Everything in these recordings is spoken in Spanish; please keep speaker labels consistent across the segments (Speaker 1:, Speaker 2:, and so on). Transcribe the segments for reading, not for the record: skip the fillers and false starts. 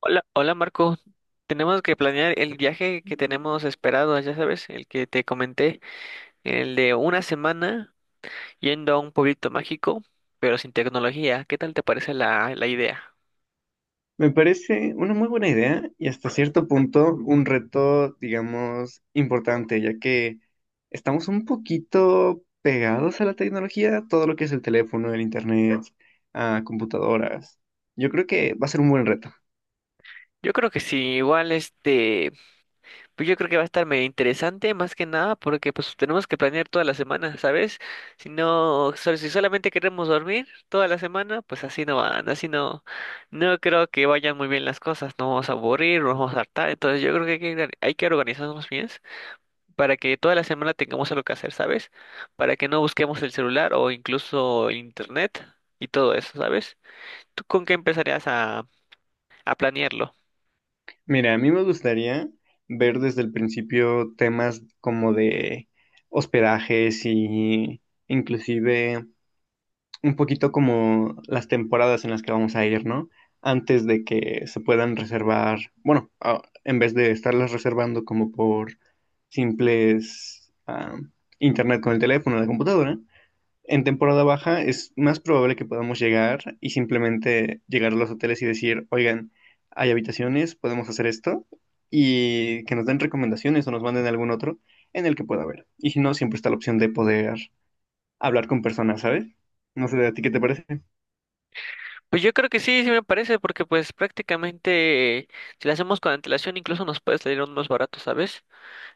Speaker 1: Hola, hola Marco. Tenemos que planear el viaje que tenemos esperado, ya sabes, el que te comenté, el de una semana yendo a un pueblito mágico, pero sin tecnología. ¿Qué tal te parece la idea?
Speaker 2: Me parece una muy buena idea y hasta cierto punto un reto, digamos, importante, ya que estamos un poquito pegados a la tecnología, todo lo que es el teléfono, el internet, a computadoras. Yo creo que va a ser un buen reto.
Speaker 1: Yo creo que sí, igual pues yo creo que va a estar medio interesante, más que nada, porque pues tenemos que planear toda la semana, ¿sabes? Si no, si solamente queremos dormir toda la semana, pues así no van, así no, no creo que vayan muy bien las cosas, no vamos a aburrir, nos vamos a hartar, entonces yo creo que hay que organizarnos bien para que toda la semana tengamos algo que hacer, ¿sabes? Para que no busquemos el celular o incluso internet y todo eso, ¿sabes? ¿Tú con qué empezarías a planearlo?
Speaker 2: Mira, a mí me gustaría ver desde el principio temas como de hospedajes y inclusive un poquito como las temporadas en las que vamos a ir, ¿no? Antes de que se puedan reservar, bueno, en vez de estarlas reservando como por simples internet con el teléfono o la computadora, en temporada baja es más probable que podamos llegar y simplemente llegar a los hoteles y decir, oigan, hay habitaciones, podemos hacer esto, y que nos den recomendaciones o nos manden algún otro en el que pueda haber. Y si no, siempre está la opción de poder hablar con personas, ¿sabes? No sé, ¿a ti qué te parece?
Speaker 1: Pues yo creo que sí, sí me parece, porque pues prácticamente si lo hacemos con antelación incluso nos puede salir aún más barato, ¿sabes?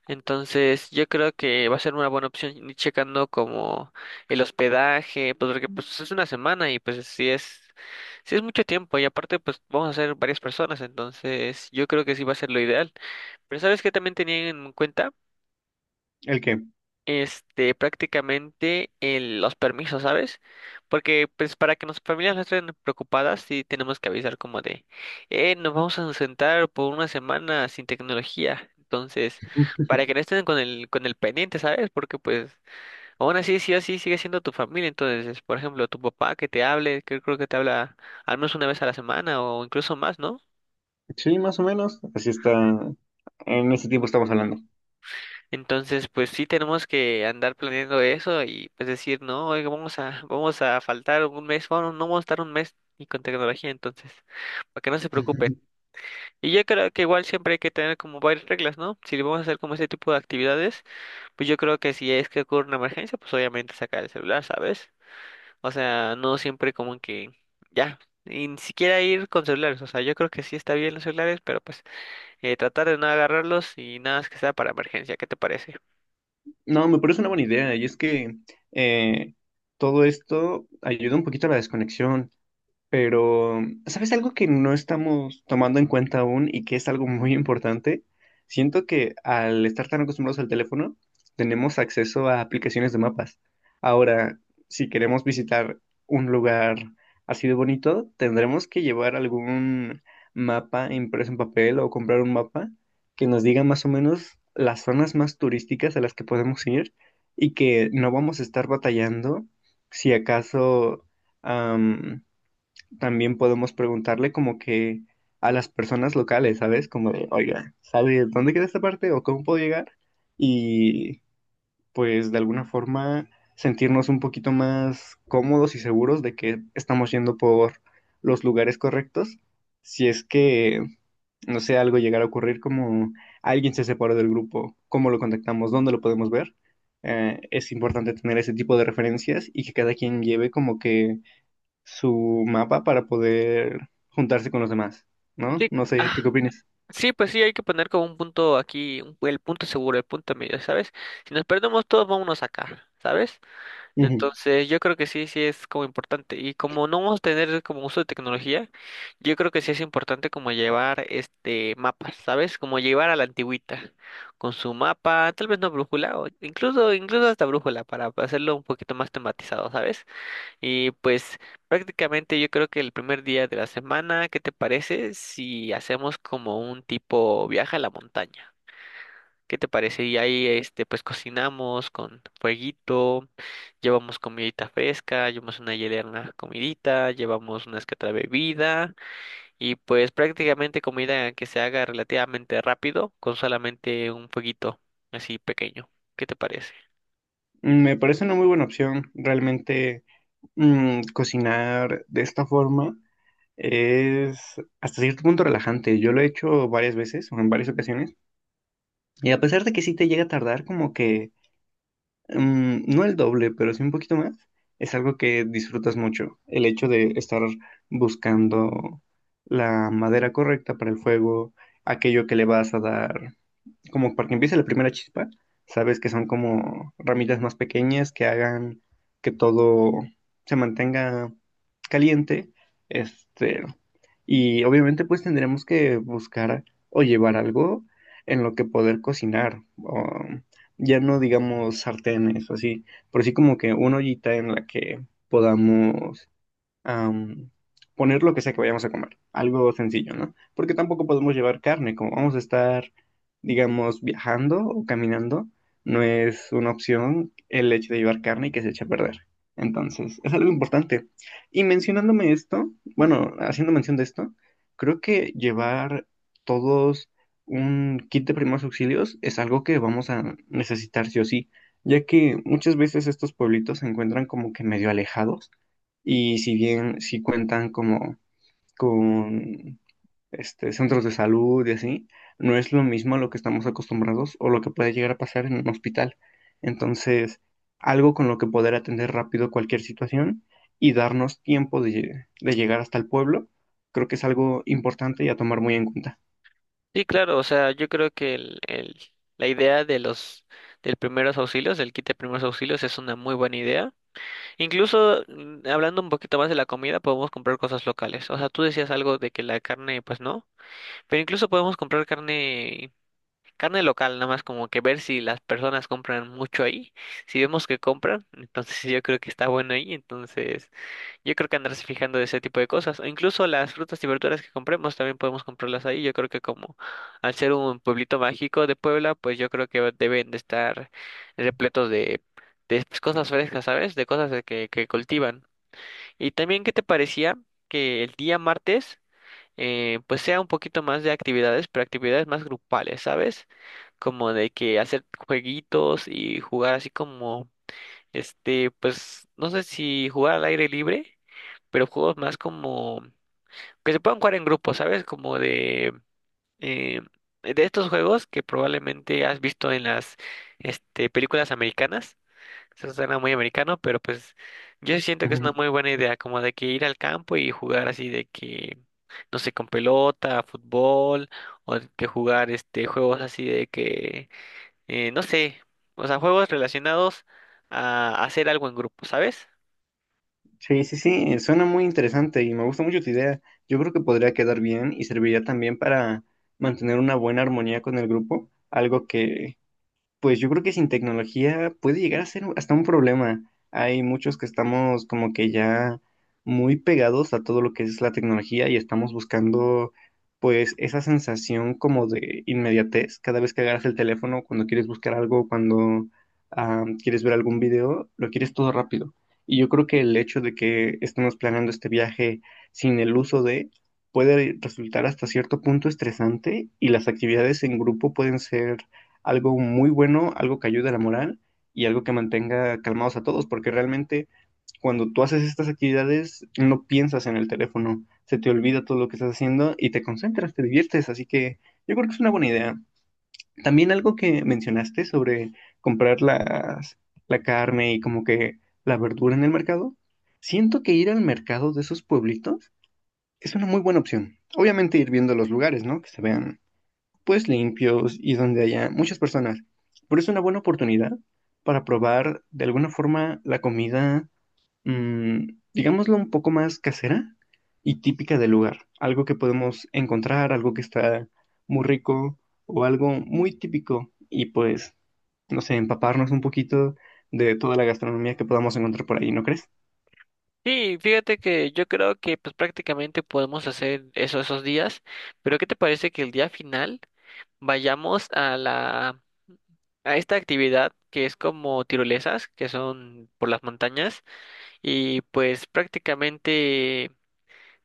Speaker 1: Entonces yo creo que va a ser una buena opción ir checando como el hospedaje, pues porque pues es una semana y pues sí es mucho tiempo y aparte pues vamos a ser varias personas, entonces yo creo que sí va a ser lo ideal. Pero ¿sabes qué también tenía en cuenta?
Speaker 2: ¿El qué?
Speaker 1: Prácticamente los permisos, ¿sabes? Porque pues para que nuestras familias no estén preocupadas, sí tenemos que avisar como de, nos vamos a sentar por una semana sin tecnología. Entonces, para que no estén con con el pendiente, ¿sabes? Porque pues, aún así, sí o sí, sigue siendo tu familia. Entonces, por ejemplo, tu papá que te hable, que creo que te habla al menos una vez a la semana o incluso más, ¿no?
Speaker 2: Sí, más o menos. Así está. En ese tiempo estamos hablando.
Speaker 1: Entonces, pues sí tenemos que andar planeando eso y pues decir, no, oiga, vamos a faltar un mes, bueno, no vamos a estar un mes ni con tecnología, entonces, para que no se preocupen. Y yo creo que igual siempre hay que tener como varias reglas, ¿no? Si vamos a hacer como ese tipo de actividades, pues yo creo que si es que ocurre una emergencia, pues obviamente sacar el celular, ¿sabes? O sea, no siempre como que ya, y ni siquiera ir con celulares, o sea, yo creo que sí está bien los celulares, pero pues tratar de no agarrarlos y nada más que sea para emergencia, ¿qué te parece?
Speaker 2: No, me parece una buena idea. Y es que eh, todo esto ayuda un poquito a la desconexión. Pero, ¿sabes algo que no estamos tomando en cuenta aún y que es algo muy importante? Siento que al estar tan acostumbrados al teléfono, tenemos acceso a aplicaciones de mapas. Ahora, si queremos visitar un lugar así de bonito, tendremos que llevar algún mapa impreso en papel o comprar un mapa que nos diga más o menos las zonas más turísticas a las que podemos ir y que no vamos a estar batallando si acaso también podemos preguntarle como que a las personas locales, ¿sabes? Como de, oiga, ¿sabe dónde queda esta parte o cómo puedo llegar? Y pues de alguna forma sentirnos un poquito más cómodos y seguros de que estamos yendo por los lugares correctos. Si es que, no sé, algo llegara a ocurrir como alguien se separó del grupo, ¿cómo lo contactamos? ¿Dónde lo podemos ver? Es importante tener ese tipo de referencias y que cada quien lleve como que su mapa para poder juntarse con los demás, ¿no?
Speaker 1: Sí,
Speaker 2: No sé, ¿tú qué
Speaker 1: ah,
Speaker 2: opinas?
Speaker 1: sí, pues sí, hay que poner como un punto aquí, el punto seguro, el punto medio, ¿sabes? Si nos perdemos todos, vámonos acá, ¿sabes?
Speaker 2: Ujú.
Speaker 1: Entonces, yo creo que sí, sí es como importante. Y como no vamos a tener como uso de tecnología, yo creo que sí es importante como llevar este mapas, ¿sabes? Como llevar a la antigüita, con su mapa, tal vez no brújula, o incluso hasta brújula, para hacerlo un poquito más tematizado, ¿sabes? Y pues prácticamente yo creo que el primer día de la semana, ¿qué te parece si hacemos como un tipo viaje a la montaña? ¿Qué te parece? Y ahí este pues cocinamos con fueguito, llevamos comidita fresca, llevamos una hielera, una comidita, llevamos una que otra bebida y pues prácticamente comida que se haga relativamente rápido con solamente un fueguito así pequeño. ¿Qué te parece?
Speaker 2: Me parece una muy buena opción. Realmente cocinar de esta forma es hasta cierto punto relajante. Yo lo he hecho varias veces o en varias ocasiones y a pesar de que sí te llega a tardar como que no el doble, pero sí un poquito más, es algo que disfrutas mucho. El hecho de estar buscando la madera correcta para el fuego, aquello que le vas a dar como para que empiece la primera chispa, sabes que son como ramitas más pequeñas que hagan que todo se mantenga caliente, este, y obviamente pues tendremos que buscar o llevar algo en lo que poder cocinar, o ya no digamos sartenes o así, pero sí como que una ollita en la que podamos am, poner lo que sea que vayamos a comer, algo sencillo, ¿no? Porque tampoco podemos llevar carne, como vamos a estar, digamos, viajando o caminando, no es una opción el hecho de llevar carne y que se eche a perder. Entonces, es algo importante. Y mencionándome esto, bueno, haciendo mención de esto, creo que llevar todos un kit de primeros auxilios es algo que vamos a necesitar sí o sí, ya que muchas veces estos pueblitos se encuentran como que medio alejados y si bien sí cuentan como con centros de salud y así, no es lo mismo a lo que estamos acostumbrados o lo que puede llegar a pasar en un hospital. Entonces, algo con lo que poder atender rápido cualquier situación y darnos tiempo de, de llegar hasta el pueblo, creo que es algo importante y a tomar muy en cuenta.
Speaker 1: Sí, claro, o sea, yo creo que la idea de los del primeros auxilios, del kit de primeros auxilios, es una muy buena idea. Incluso hablando un poquito más de la comida, podemos comprar cosas locales. O sea, tú decías algo de que la carne, pues no, pero incluso podemos comprar carne, carne local, nada más como que ver si las personas compran mucho ahí. Si vemos que compran, entonces yo creo que está bueno ahí, entonces. Yo creo que andarse fijando de ese tipo de cosas. O incluso las frutas y verduras que compremos también podemos comprarlas ahí. Yo creo que como al ser un pueblito mágico de Puebla, pues yo creo que deben de estar repletos de pues, cosas frescas, ¿sabes? De cosas que cultivan. Y también, ¿qué te parecía que el día martes pues sea un poquito más de actividades, pero actividades más grupales, ¿sabes? Como de que hacer jueguitos y jugar así como, pues no sé si jugar al aire libre pero juegos más como que se puedan jugar en grupo, ¿sabes? Como eh, de estos juegos que probablemente has visto en las películas americanas. Eso suena muy americano, pero pues yo sí siento que es una
Speaker 2: Ujú.
Speaker 1: muy buena idea, como de que ir al campo y jugar así de que, no sé, con pelota, fútbol, o de que jugar este juegos así de que, no sé, o sea, juegos relacionados a hacer algo en grupo, ¿sabes?
Speaker 2: Sí, sí, sí, suena muy interesante y me gusta mucho tu idea. Yo creo que podría quedar bien y serviría también para mantener una buena armonía con el grupo, algo que... Pues yo creo que sin tecnología puede llegar a ser hasta un problema. Hay muchos que estamos como que ya muy pegados a todo lo que es la tecnología y estamos buscando pues esa sensación como de inmediatez cada vez que agarras el teléfono, cuando quieres buscar algo, cuando quieres ver algún video, lo quieres todo rápido. Y yo creo que el hecho de que estemos planeando este viaje sin el uso de... puede resultar hasta cierto punto estresante y las actividades en grupo pueden ser algo muy bueno, algo que ayude a la moral y algo que mantenga calmados a todos, porque realmente cuando tú haces estas actividades no piensas en el teléfono, se te olvida todo lo que estás haciendo y te concentras, te diviertes, así que yo creo que es una buena idea. También algo que mencionaste sobre comprar las, la carne y como que la verdura en el mercado, siento que ir al mercado de esos pueblitos es una muy buena opción. Obviamente ir viendo los lugares, ¿no? Que se vean pues limpios y donde haya muchas personas. Pero es una buena oportunidad para probar de alguna forma la comida, mm, digámoslo, un poco más casera y típica del lugar. Algo que podemos encontrar, algo que está muy rico o algo muy típico y pues, no sé, empaparnos un poquito de toda la gastronomía que podamos encontrar por ahí, ¿no crees?
Speaker 1: Sí, fíjate que yo creo que pues prácticamente podemos hacer eso esos días, pero ¿qué te parece que el día final vayamos a la a esta actividad que es como tirolesas, que son por las montañas y pues prácticamente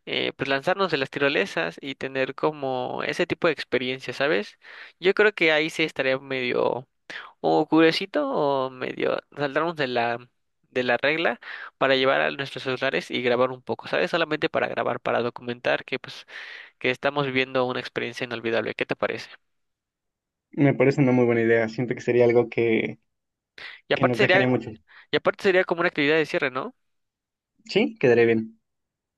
Speaker 1: pues lanzarnos de las tirolesas y tener como ese tipo de experiencia, ¿sabes? Yo creo que ahí sí estaría medio o curiosito o medio saltarnos de la regla para llevar a nuestros celulares y grabar un poco, ¿sabes? Solamente para grabar, para documentar que pues que estamos viviendo una experiencia inolvidable. ¿Qué te parece?
Speaker 2: Me parece una muy buena idea. Siento que sería algo
Speaker 1: Y
Speaker 2: que
Speaker 1: aparte
Speaker 2: nos
Speaker 1: sería
Speaker 2: dejaría mucho.
Speaker 1: y aparte sería como una actividad de cierre, ¿no?
Speaker 2: Sí, quedaría bien.